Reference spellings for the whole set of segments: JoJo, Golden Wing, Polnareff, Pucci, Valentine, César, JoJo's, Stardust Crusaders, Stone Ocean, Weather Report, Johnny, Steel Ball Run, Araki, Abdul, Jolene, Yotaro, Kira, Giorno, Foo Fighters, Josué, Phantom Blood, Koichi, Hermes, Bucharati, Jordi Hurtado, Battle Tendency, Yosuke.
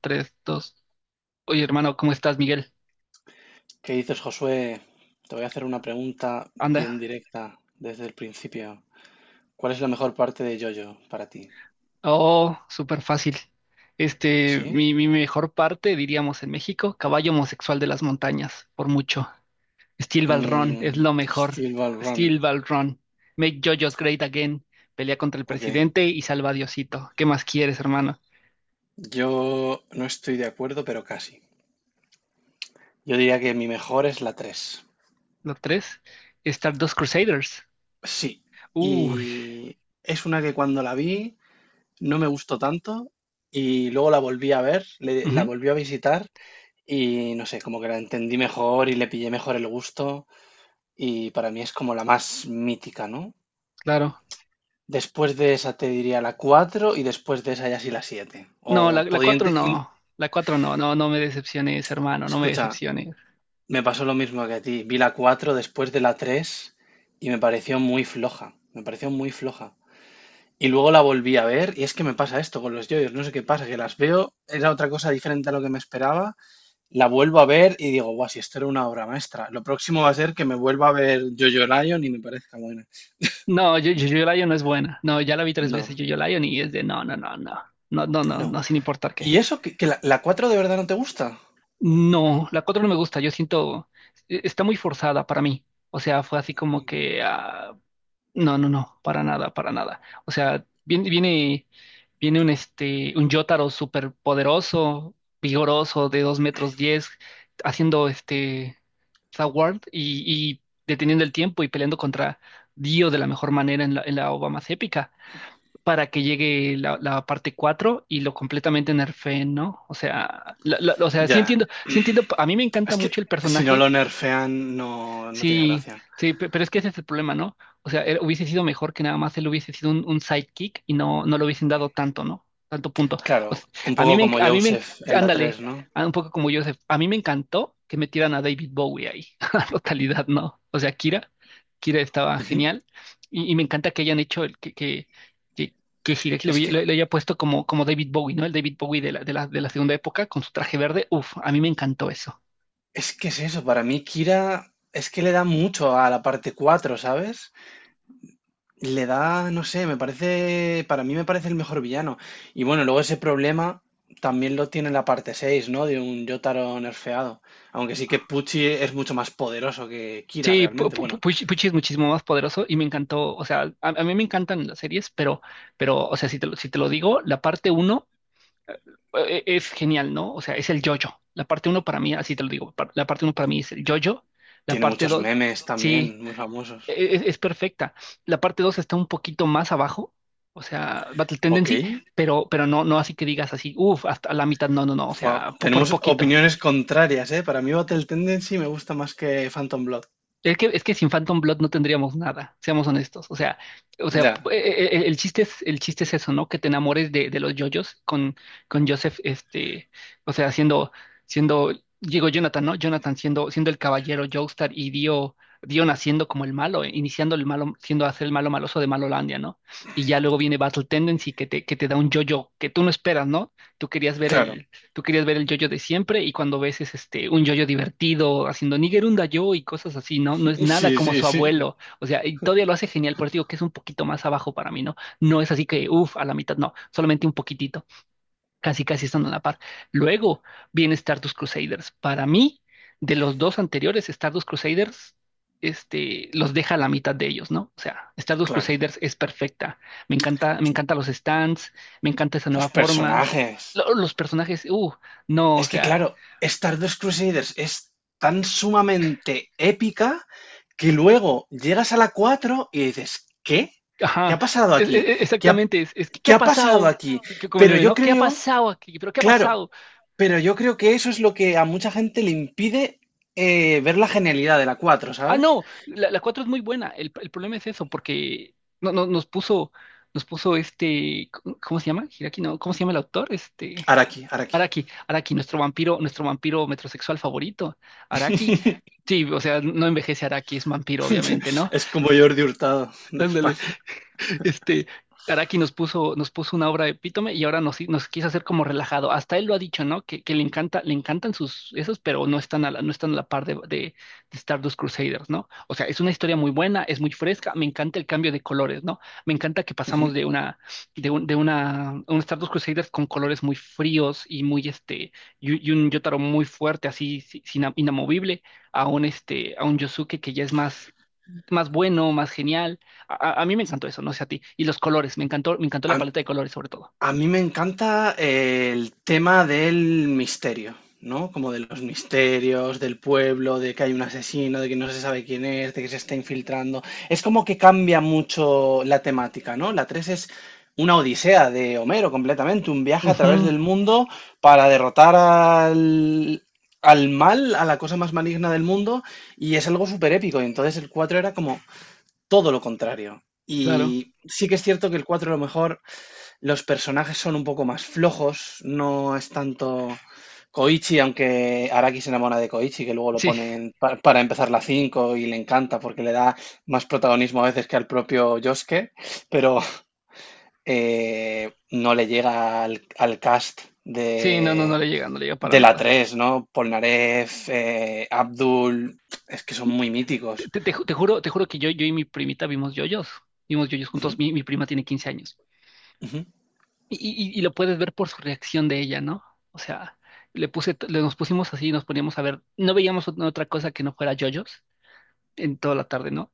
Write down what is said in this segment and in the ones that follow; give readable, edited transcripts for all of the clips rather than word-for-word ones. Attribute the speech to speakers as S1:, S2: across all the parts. S1: Tres dos. Oye, hermano, ¿cómo estás, Miguel?
S2: ¿Qué dices, Josué? Te voy a hacer una pregunta
S1: Anda.
S2: bien directa desde el principio. ¿Cuál es la mejor parte de JoJo para ti?
S1: Oh, súper fácil.
S2: ¿Sí?
S1: Mi mejor parte, diríamos en México, caballo homosexual de las montañas, por mucho. Steel Ball Run es
S2: Mm,
S1: lo mejor.
S2: Steel Ball Run.
S1: Steel Ball Run. Make JoJo's great again. Pelea contra el
S2: Ok.
S1: presidente y salva a Diosito. ¿Qué más quieres, hermano?
S2: Yo no estoy de acuerdo, pero casi. Yo diría que mi mejor es la 3.
S1: Lo tres, Stardust Crusaders.
S2: Sí.
S1: Uy,
S2: Y es una que cuando la vi no me gustó tanto y luego la volví a ver, la
S1: ujú,
S2: volví a visitar y no sé, como que la entendí mejor y le pillé mejor el gusto. Y para mí es como la más mítica, ¿no?
S1: claro.
S2: Después de esa te diría la 4 y después de esa ya sí la 7.
S1: No, la,
S2: O
S1: la 4
S2: podiendo.
S1: no. La 4 no, no, no me decepciones, hermano, no me
S2: Escucha,
S1: decepciones.
S2: me pasó lo mismo que a ti. Vi la 4 después de la 3 y me pareció muy floja. Me pareció muy floja. Y luego la volví a ver y es que me pasa esto con los yoyos. No sé qué pasa, que las veo, era otra cosa diferente a lo que me esperaba. La vuelvo a ver y digo, guau, si esto era una obra maestra. Lo próximo va a ser que me vuelva a ver Jojo Lion y me parezca buena.
S1: No, yo Lion no es buena. No, ya la vi tres
S2: No,
S1: veces, yo Lion y es de no, no, no, no. No, no, no,
S2: no,
S1: no, sin importar
S2: ¿y
S1: qué.
S2: eso? ¿Que la 4 de verdad no te gusta?
S1: No, la 4 no me gusta, yo siento, está muy forzada para mí. O sea, fue así como que ah. No, no, no, para nada, para nada. O sea, viene un Jotaro súper poderoso, vigoroso, de dos metros diez, haciendo Sword y deteniendo el tiempo y peleando contra Dio de la mejor manera en la ova más épica, para que llegue la parte 4 y lo completamente nerfeen, ¿no? O sea, o sea,
S2: Ya,
S1: sí entiendo, a mí me encanta
S2: es
S1: mucho
S2: que
S1: el
S2: si no
S1: personaje.
S2: lo nerfean no tiene
S1: Sí,
S2: gracia.
S1: sí, pero es que ese es el problema, ¿no? O sea, hubiese sido mejor que nada más él hubiese sido un sidekick y no, no le hubiesen dado tanto, ¿no? Tanto punto.
S2: Claro,
S1: O sea,
S2: un
S1: a mí
S2: poco
S1: me, enc-
S2: como
S1: a mí me, enc-
S2: Joseph en la 3,
S1: ándale,
S2: ¿no?
S1: ah, un poco como Joseph, a mí me encantó que metieran a David Bowie ahí, a totalidad, ¿no? O sea, Kira estaba
S2: Ujú.
S1: genial y me encanta que hayan hecho el que, que, que, que Hiroki le,
S2: Es
S1: hubi- le-
S2: que,
S1: le haya puesto como David Bowie, ¿no? El David Bowie de la segunda época con su traje verde, uf, a mí me encantó eso.
S2: es que es eso, para mí Kira es que le da mucho a la parte 4, ¿sabes? Le da, no sé, me parece, para mí me parece el mejor villano. Y bueno, luego ese problema también lo tiene la parte 6, ¿no? De un Yotaro nerfeado. Aunque sí que Pucci es mucho más poderoso que Kira
S1: Sí, Pu-
S2: realmente.
S1: Pu- Pu-
S2: Bueno,
S1: Puch, Puch es muchísimo más poderoso y me encantó, o sea, a mí me encantan las series, pero, o sea, si te lo digo, la parte uno es genial, ¿no? O sea, es el yo-yo. La parte uno para mí, así te lo digo, la parte uno para mí es el yo-yo, la
S2: tiene
S1: parte
S2: muchos
S1: dos,
S2: memes
S1: sí,
S2: también, muy famosos.
S1: es perfecta. La parte dos está un poquito más abajo, o sea, Battle
S2: Ok.
S1: Tendency, pero no, no así que digas así, uff, hasta la mitad, no, no, no, o
S2: Fua,
S1: sea, por
S2: tenemos
S1: poquito.
S2: opiniones contrarias, ¿eh? Para mí Battle Tendency me gusta más que Phantom Blood.
S1: Es que sin Phantom Blood no tendríamos nada, seamos honestos. O sea,
S2: Ya,
S1: el chiste es eso, ¿no? Que te enamores de los yoyos con Joseph, o sea, siendo, digo Jonathan, ¿no? Jonathan siendo el caballero Joestar y Dio, Dio naciendo como el malo, iniciando el malo, siendo hacer el malo maloso de Malolandia, ¿no? Y ya luego viene Battle Tendency que te da un yoyo que tú no esperas, ¿no? Tú querías ver
S2: claro.
S1: el, tú querías ver el yoyo de siempre y cuando ves es este un yoyo divertido haciendo Nigerunda yo y cosas así, ¿no? No es nada
S2: Sí,
S1: como
S2: sí,
S1: su
S2: sí.
S1: abuelo, o sea, y todavía lo hace genial, por eso digo que es un poquito más abajo para mí, ¿no? No es así que, uff, a la mitad, no, solamente un poquitito casi casi están a la par. Luego viene Stardust Crusaders. Para mí, de los dos anteriores, Stardust Crusaders, los deja a la mitad de ellos, ¿no? O sea, Stardust
S2: Claro.
S1: Crusaders es perfecta. Me encanta, me encantan los stands, me encanta esa
S2: Los
S1: nueva forma.
S2: personajes.
S1: Los personajes, no, o
S2: Es que,
S1: sea,
S2: claro, Stardust Crusaders es tan sumamente épica que luego llegas a la 4 y dices, ¿qué? ¿Qué
S1: ajá,
S2: ha pasado aquí? ¿Qué ha,
S1: exactamente, es que ¿qué
S2: qué
S1: ha
S2: ha pasado
S1: pasado?
S2: aquí?
S1: Que como el
S2: Pero
S1: meme,
S2: yo
S1: ¿no? ¿Qué ha
S2: creo,
S1: pasado aquí? ¿Pero qué ha
S2: claro,
S1: pasado?
S2: Pero yo creo que eso es lo que a mucha gente le impide ver la genialidad de la cuatro,
S1: Ah,
S2: ¿sabes?
S1: no, la 4 es muy buena. El problema es eso, porque no, no, nos puso ¿cómo se llama? Hiraki, no, ¿cómo se llama el autor?
S2: Araki, Araki.
S1: Araki, Araki, nuestro vampiro metrosexual favorito. Araki, sí, o sea, no envejece Araki, es vampiro, obviamente, ¿no?
S2: Es como Jordi Hurtado de
S1: Ándale,
S2: España.
S1: este, Araki nos puso una obra epítome y ahora nos, nos quiso hacer como relajado. Hasta él lo ha dicho, ¿no? Que le encanta, le encantan sus esos, pero no están a la, par de Stardust Crusaders, ¿no? O sea, es una historia muy buena, es muy fresca, me encanta el cambio de colores, ¿no? Me encanta que
S2: Ujú.
S1: pasamos de una, de un Stardust Crusaders con colores muy fríos y muy y un Yotaro muy fuerte, así, inamovible, a un Yosuke que ya es más, más bueno, más genial a mí me encantó eso, no sé a ti. Y los colores, me encantó
S2: A,
S1: la paleta de colores sobre todo.
S2: A mí me encanta el tema del misterio, ¿no? Como de los misterios, del pueblo, de que hay un asesino, de que no se sabe quién es, de que se está infiltrando. Es como que cambia mucho la temática, ¿no? La 3 es una odisea de Homero completamente, un viaje a través
S1: Ujú,
S2: del mundo para derrotar al mal, a la cosa más maligna del mundo, y es algo súper épico. Y entonces el 4 era como todo lo contrario.
S1: claro.
S2: Y sí que es cierto que el 4 a lo mejor los personajes son un poco más flojos, no es tanto Koichi, aunque Araki se enamora de Koichi, que luego lo
S1: Sí,
S2: ponen para empezar la 5 y le encanta porque le da más protagonismo a veces que al propio Yosuke, pero no le llega al cast
S1: sí, no, no, no
S2: de,
S1: le llega, no le llega para
S2: de la
S1: nada.
S2: tres, ¿no? Polnareff, Abdul, es que son muy
S1: Te,
S2: míticos.
S1: te- te ju- te juro, te juro que yo y mi primita vimos yoyos. Vimos yoyos
S2: Ujú,
S1: juntos. Mi prima tiene 15 años.
S2: ujú,
S1: Y lo puedes ver por su reacción de ella, ¿no? O sea, le puse, t- le nos pusimos así, nos poníamos a ver. No veíamos otra cosa que no fuera yoyos en toda la tarde, ¿no?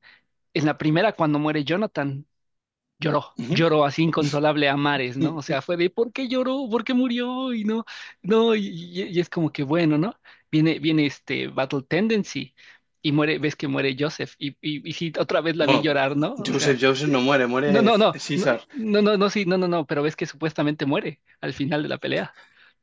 S1: En la primera, cuando muere Jonathan. lloró,
S2: ujú.
S1: lloró así inconsolable a mares, ¿no? O sea, fue de ¿por qué lloró? ¿Por qué murió? Y no, no, y es como que bueno, ¿no? Viene este Battle Tendency y muere, ves que muere Joseph y, y sí, otra vez la vi
S2: Bueno,
S1: llorar, ¿no? O
S2: Joseph
S1: sea,
S2: Joseph no muere,
S1: no,
S2: muere
S1: no, no, no,
S2: César.
S1: no, no, no, sí, no, no, no, pero ves que supuestamente muere al final de la pelea.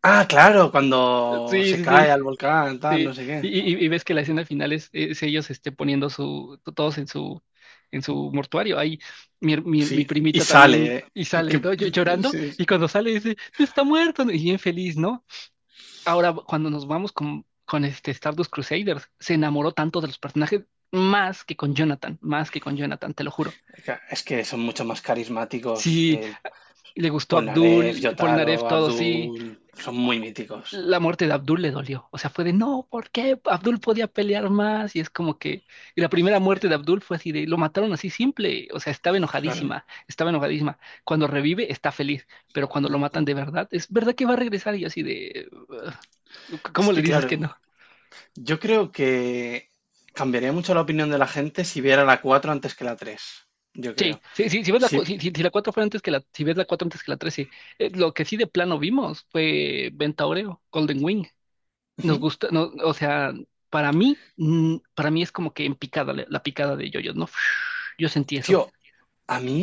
S2: Ah, claro, cuando
S1: Sí,
S2: se
S1: sí,
S2: cae
S1: sí.
S2: al volcán, tal, no
S1: Sí,
S2: sé
S1: y,
S2: qué.
S1: y- y ves que la escena final es ellos poniendo todos en su mortuario. Ahí mi
S2: Sí, y
S1: primita también
S2: sale.
S1: y
S2: Que,
S1: sale,
S2: que-
S1: ¿no? Llorando,
S2: sí,
S1: y cuando sale dice, "No está muerto, ¿no? Y bien feliz, ¿no? Ahora, cuando nos vamos con este Stardust Crusaders, se enamoró tanto de los personajes, más que con Jonathan, más que con Jonathan, te lo juro.
S2: es que son mucho más carismáticos.
S1: Sí, le gustó
S2: Polnareff,
S1: Abdul,
S2: Yotaro,
S1: Polnareff, todo, sí.
S2: Abdul, son muy míticos.
S1: La muerte de Abdul le dolió. O sea, fue de no, ¿por qué? Abdul podía pelear más. Y es como que. Y la primera muerte de Abdul fue así de lo mataron así simple. O sea, estaba
S2: Claro.
S1: enojadísima. Estaba enojadísima. Cuando revive, está feliz. Pero cuando lo matan de verdad, es verdad que va a regresar. Y yo así de. "Ugh,
S2: Es
S1: ¿cómo le
S2: que,
S1: dices
S2: claro,
S1: que no?"
S2: yo creo que cambiaría mucho la opinión de la gente si viera la 4 antes que la 3. Yo
S1: Sí,
S2: creo.
S1: sí, sí, si ves la,
S2: Sí.
S1: si la 4 fue antes que la, si ves la 4 antes que la 3 sí. Lo que sí de plano vimos fue Ventaoreo, Golden Wing. Nos
S2: Ujú.
S1: gusta, no, o sea, para mí es como que en picada, la picada de yoyos, ¿no? Yo sentí
S2: Tío,
S1: eso.
S2: a mí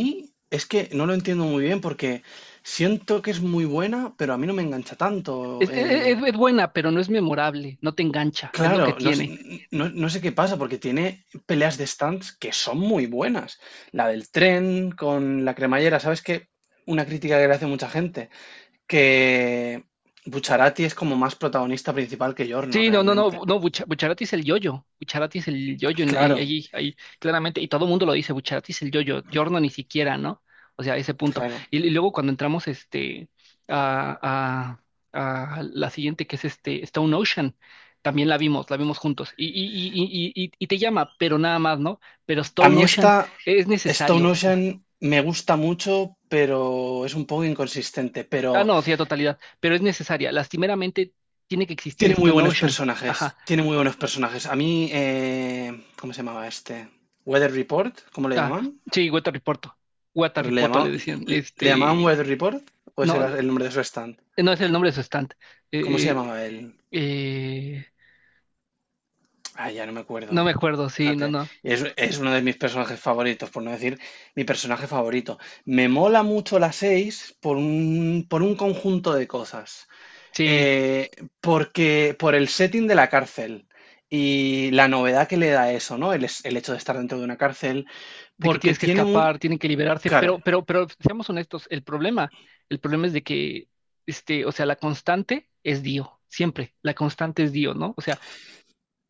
S2: es que no lo entiendo muy bien porque siento que es muy buena, pero a mí no me engancha tanto.
S1: Es, e, e, es- es buena, pero no es memorable, no te engancha, es lo
S2: Claro,
S1: que
S2: no,
S1: tiene.
S2: no, no sé qué pasa, porque tiene peleas de stands que son muy buenas. La del tren con la cremallera, ¿sabes qué? Una crítica que le hace mucha gente, que Bucharati es como más protagonista principal que Giorno
S1: Sí, no, no,
S2: realmente.
S1: no, no, Bucharati es el yoyo, Bucharati es el yoyo
S2: Claro,
S1: allí, ahí, claramente, y todo el mundo lo dice, Bucharati es el yoyo, Yorno ni siquiera, ¿no? O sea, ese punto.
S2: claro.
S1: Y luego cuando entramos a, a la siguiente, que es este Stone Ocean, también la vimos juntos, y te llama, pero nada más, ¿no? Pero
S2: A
S1: Stone
S2: mí esta
S1: Ocean es
S2: Stone
S1: necesario, o sea,
S2: Ocean me gusta mucho, pero es un poco inconsistente, pero
S1: no, sí, a totalidad, pero es necesaria, lastimeramente tiene que existir
S2: tiene muy
S1: Stone
S2: buenos
S1: Ocean, ajá.
S2: personajes, tiene muy buenos personajes. A mí, ¿cómo se llamaba este? Weather Report, ¿cómo le
S1: Ah,
S2: llamaban?
S1: sí, Guatariporto.
S2: Pero
S1: Guataripoto le decían.
S2: le llamaban Weather Report o ese
S1: No,
S2: era el nombre de su stand.
S1: no es el nombre de su stand.
S2: ¿Cómo se
S1: Eh,
S2: llamaba él?
S1: eh, eh,
S2: Ah, ya no me
S1: no
S2: acuerdo.
S1: me acuerdo, sí, no,
S2: Fíjate,
S1: no.
S2: es uno de mis personajes favoritos, por no decir mi personaje favorito. Me mola mucho la 6 por un conjunto de cosas.
S1: Sí,
S2: Eh, porque por el setting de la cárcel y la novedad que le da eso, ¿no? El hecho de estar dentro de una cárcel,
S1: de que
S2: porque
S1: tienes que
S2: tiene muy,
S1: escapar, tienen que liberarse,
S2: claro,
S1: pero, pero seamos honestos, el problema, es de que, o sea, la constante es Dio, siempre, la constante es Dio, ¿no? O sea,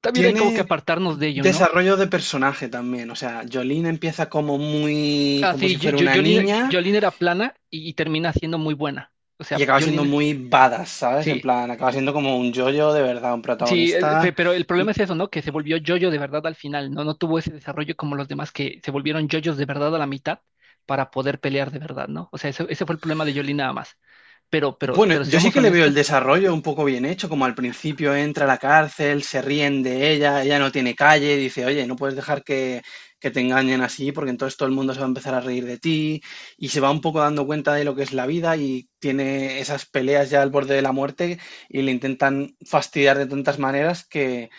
S1: también hay como que
S2: tiene
S1: apartarnos de ello, ¿no?
S2: desarrollo de personaje también. O sea, Jolene empieza como muy,
S1: Ah,
S2: como
S1: sí,
S2: si fuera una
S1: Jolene,
S2: niña
S1: Jolene era plana y termina siendo muy buena. O
S2: y
S1: sea,
S2: acaba siendo
S1: Jolene,
S2: muy badass, ¿sabes? En
S1: sí.
S2: plan, acaba siendo como un yoyo de verdad, un
S1: Sí,
S2: protagonista.
S1: pero el problema es eso, ¿no? Que se volvió yoyo de verdad al final, ¿no? No tuvo ese desarrollo como los demás que se volvieron yoyos de verdad a la mitad para poder pelear de verdad, ¿no? O sea, ese fue el problema de Yoli nada más. Pero, pero,
S2: Bueno,
S1: pero
S2: yo sí
S1: seamos
S2: que le veo el
S1: honestos,
S2: desarrollo un poco bien hecho, como al principio entra a la cárcel, se ríen de ella, ella no tiene calle, dice, oye, no puedes dejar que te engañen así, porque entonces todo el mundo se va a empezar a reír de ti, y se va un poco dando cuenta de lo que es la vida y tiene esas peleas ya al borde de la muerte y le intentan fastidiar de tantas maneras que,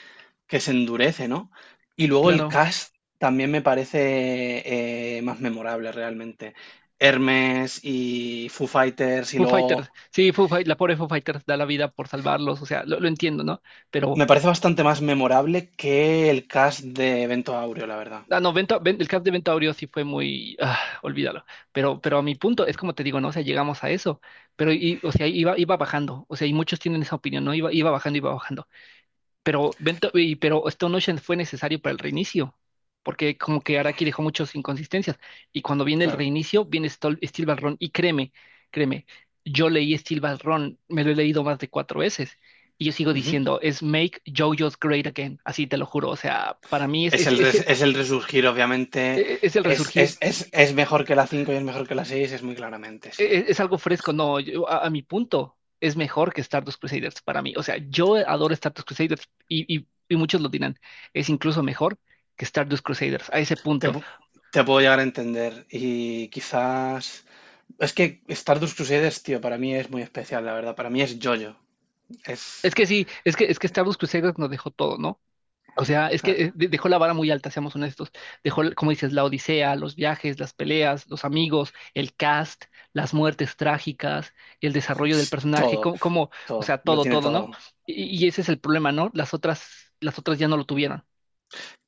S2: que se endurece, ¿no? Y luego el
S1: claro.
S2: cast también me parece más memorable realmente. Hermes y Foo Fighters y
S1: Foo Fighters,
S2: luego
S1: sí, la pobre Foo Fighters da la vida por salvarlos, o sea, lo entiendo, ¿no? Pero,
S2: me parece bastante más memorable que el cast de Evento Aureo, la verdad.
S1: no, el caso de Ventaurio sí fue muy, olvídalo. Pero a mi punto, es como te digo, ¿no? O sea, llegamos a eso, pero, iba bajando, o sea, y muchos tienen esa opinión, ¿no? Iba bajando, iba bajando. Pero, Stone Ocean fue necesario para el reinicio, porque como que Araki dejó muchas inconsistencias. Y cuando viene el
S2: Claro.
S1: reinicio, viene Steel Ball Run. Y créeme, créeme, yo leí Steel Ball Run, me lo he leído más de cuatro veces. Y yo sigo
S2: Ujú.
S1: diciendo, es Make JoJo's Great Again. Así te lo juro. O sea, para mí
S2: Es el, res- es el resurgir, obviamente.
S1: es el
S2: Es,
S1: resurgir,
S2: es- es- es mejor que la 5 y es mejor que la 6 es muy claramente,
S1: e-
S2: sí.
S1: e-, es, algo fresco, no, a mi punto es mejor que Stardust Crusaders para mí. O sea, yo adoro Stardust Crusaders y muchos lo dirán, es incluso mejor que Stardust Crusaders a ese
S2: Te,
S1: punto.
S2: pu- te puedo llegar a entender. Y quizás. Es que Stardust Crusaders, tío, para mí es muy especial, la verdad. Para mí es JoJo.
S1: Es
S2: Es.
S1: que sí, es que Stardust Crusaders nos dejó todo, ¿no? O sea, es que
S2: Claro,
S1: dejó la vara muy alta, seamos honestos. Dejó, como dices, la odisea, los viajes, las peleas, los amigos, el cast, las muertes trágicas, el desarrollo del personaje,
S2: todo,
S1: o
S2: todo.
S1: sea,
S2: Lo
S1: todo,
S2: tiene
S1: todo, ¿no?
S2: todo.
S1: Y ese es el problema, ¿no? Las otras ya no lo tuvieron.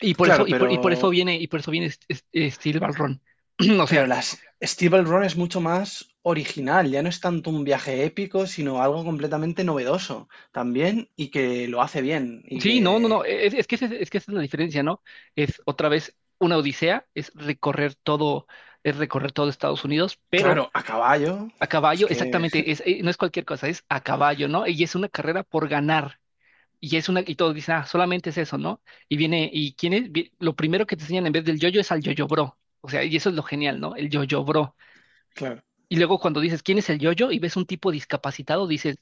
S2: Claro, pero
S1: Y por eso viene, Y por eso viene Steel Balrón. O
S2: Pero
S1: sea,
S2: las Steeple Run es mucho más original, ya no es tanto un viaje épico, sino algo completamente novedoso también y que lo hace bien y
S1: sí, no, no,
S2: que,
S1: no. Es que esa es la diferencia, ¿no? Es otra vez una odisea, es recorrer todo Estados Unidos, pero
S2: claro, a caballo,
S1: a
S2: es
S1: caballo,
S2: que,
S1: exactamente, es, no es cualquier cosa, es a caballo, ¿no? Y es una carrera por ganar. Y es una, y todos dicen, ah, solamente es eso, ¿no? Y viene, y quién es, lo primero que te enseñan en vez del yoyo es al yoyo bro. O sea, y eso es lo genial, ¿no? El yoyo bro.
S2: claro,
S1: Y luego cuando dices, ¿quién es el yoyo? Y ves un tipo discapacitado, dices,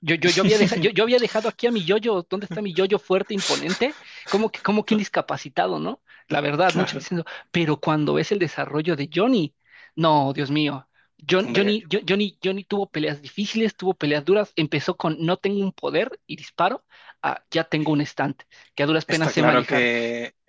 S1: yo había dejado, yo había dejado aquí a mi yoyo, ¿dónde está mi yoyo fuerte, imponente? ¿Cómo que un
S2: cla-
S1: discapacitado, ¿no? La verdad, muchos
S2: claro,
S1: diciendo, pero cuando ves el desarrollo de Johnny, no, Dios mío.
S2: hombre,
S1: Johnny tuvo peleas difíciles, tuvo peleas duras, empezó con no tengo un poder y disparo, a ya tengo un estante, que a duras penas
S2: está
S1: sé
S2: claro que
S1: manejar.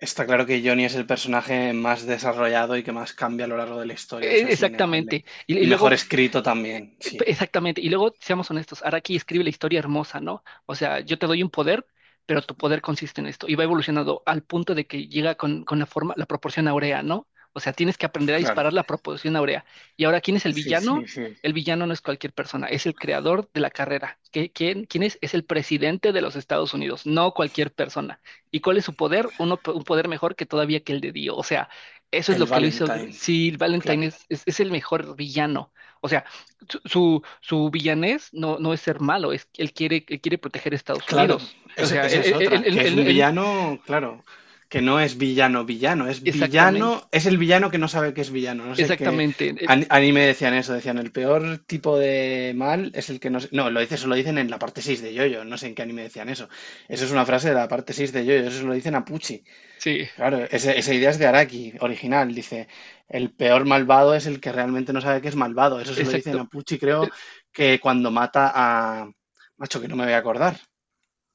S2: está claro que Johnny es el personaje más desarrollado y que más cambia a lo largo de la historia, eso es innegable.
S1: Exactamente. Y
S2: Y mejor
S1: luego.
S2: escrito
S1: Eh,
S2: también, sí,
S1: Exactamente. Y luego, seamos honestos, Araki escribe la historia hermosa, ¿no? O sea, yo te doy un poder, pero tu poder consiste en esto. Y va evolucionando al punto de que llega con la forma, la proporción áurea, ¿no? O sea, tienes que aprender a
S2: claro.
S1: disparar la proporción áurea. Y ahora, ¿quién es el
S2: Sí,
S1: villano?
S2: sí, sí.
S1: El villano no es cualquier persona, es el creador de la carrera. ¿ quién es? Es el presidente de los Estados Unidos, no cualquier persona. ¿Y cuál es su poder? Uno, un poder mejor que todavía que el de Dio. O sea, eso es
S2: El
S1: lo que lo hizo.
S2: Valentine,
S1: Sí, Valentine
S2: claro.
S1: es el mejor villano. O sea, su villanés no es ser malo, es que él quiere proteger a Estados
S2: Claro,
S1: Unidos. O
S2: es-
S1: sea,
S2: esa es otra, que es un villano, claro, que no es villano
S1: exactamente,
S2: villano, es el villano que no sabe que es villano, no sé qué
S1: exactamente.
S2: anime decían eso, decían el peor tipo de mal es el que no, no, lo dice, eso lo dicen en la parte 6 de Yoyo, no sé en qué anime decían eso. Eso es una frase de la parte 6 de Yoyo, eso lo dicen a Pucci.
S1: Sí,
S2: Claro, esa idea es de Araki, original, dice, el peor malvado es el que realmente no sabe que es malvado, eso se lo dicen a
S1: exacto.
S2: Pucci, creo
S1: Eh,
S2: que cuando mata a Macho, que no me voy a acordar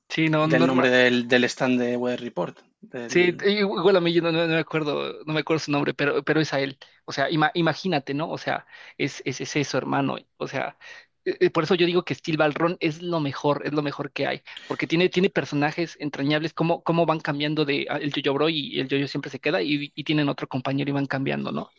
S1: Sí, no,
S2: del nombre
S1: normal.
S2: del stand de Weather Report.
S1: Sí, igual a mí yo no me acuerdo, no me acuerdo su nombre, pero es a él. O sea, imagínate, ¿no? O sea, es eso, hermano. O sea, por eso yo digo que Steel Ballroom es lo mejor que hay, porque tiene personajes entrañables, cómo van cambiando de ah, el Yo-Yo Bro y el Yo-Yo siempre se queda y tienen otro compañero y van cambiando, ¿no?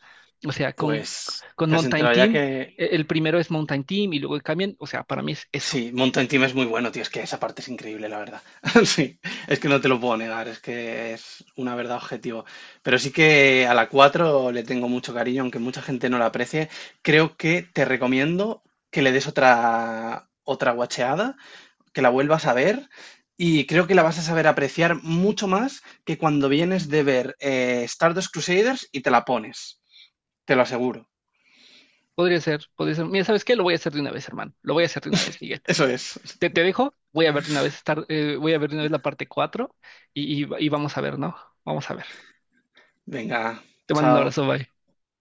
S1: O sea,
S2: Pues
S1: con
S2: te has
S1: Mountain
S2: enterado ya
S1: Team,
S2: que
S1: el primero es Mountain Team y luego cambian. O sea, para mí es eso.
S2: sí, Mountain Team es muy bueno, tío. Es que esa parte es increíble, la verdad. Sí, es que no te lo puedo negar, es que es una verdad objetiva. Pero sí que a la 4 le tengo mucho cariño, aunque mucha gente no la aprecie. Creo que te recomiendo que le des otra, otra guacheada, que la vuelvas a ver. Y creo que la vas a saber apreciar mucho más que cuando vienes de ver Stardust Crusaders y te la pones. Te lo aseguro.
S1: Podría ser, podría ser. Mira, ¿sabes qué? Lo voy a hacer de una vez, hermano. Lo voy a hacer de una vez, Miguel.
S2: Eso es.
S1: Te dejo, voy a ver de una vez voy a ver de una vez la parte 4 y vamos a ver, ¿no? Vamos a ver.
S2: Venga,
S1: Te mando un
S2: chao.
S1: abrazo, bye.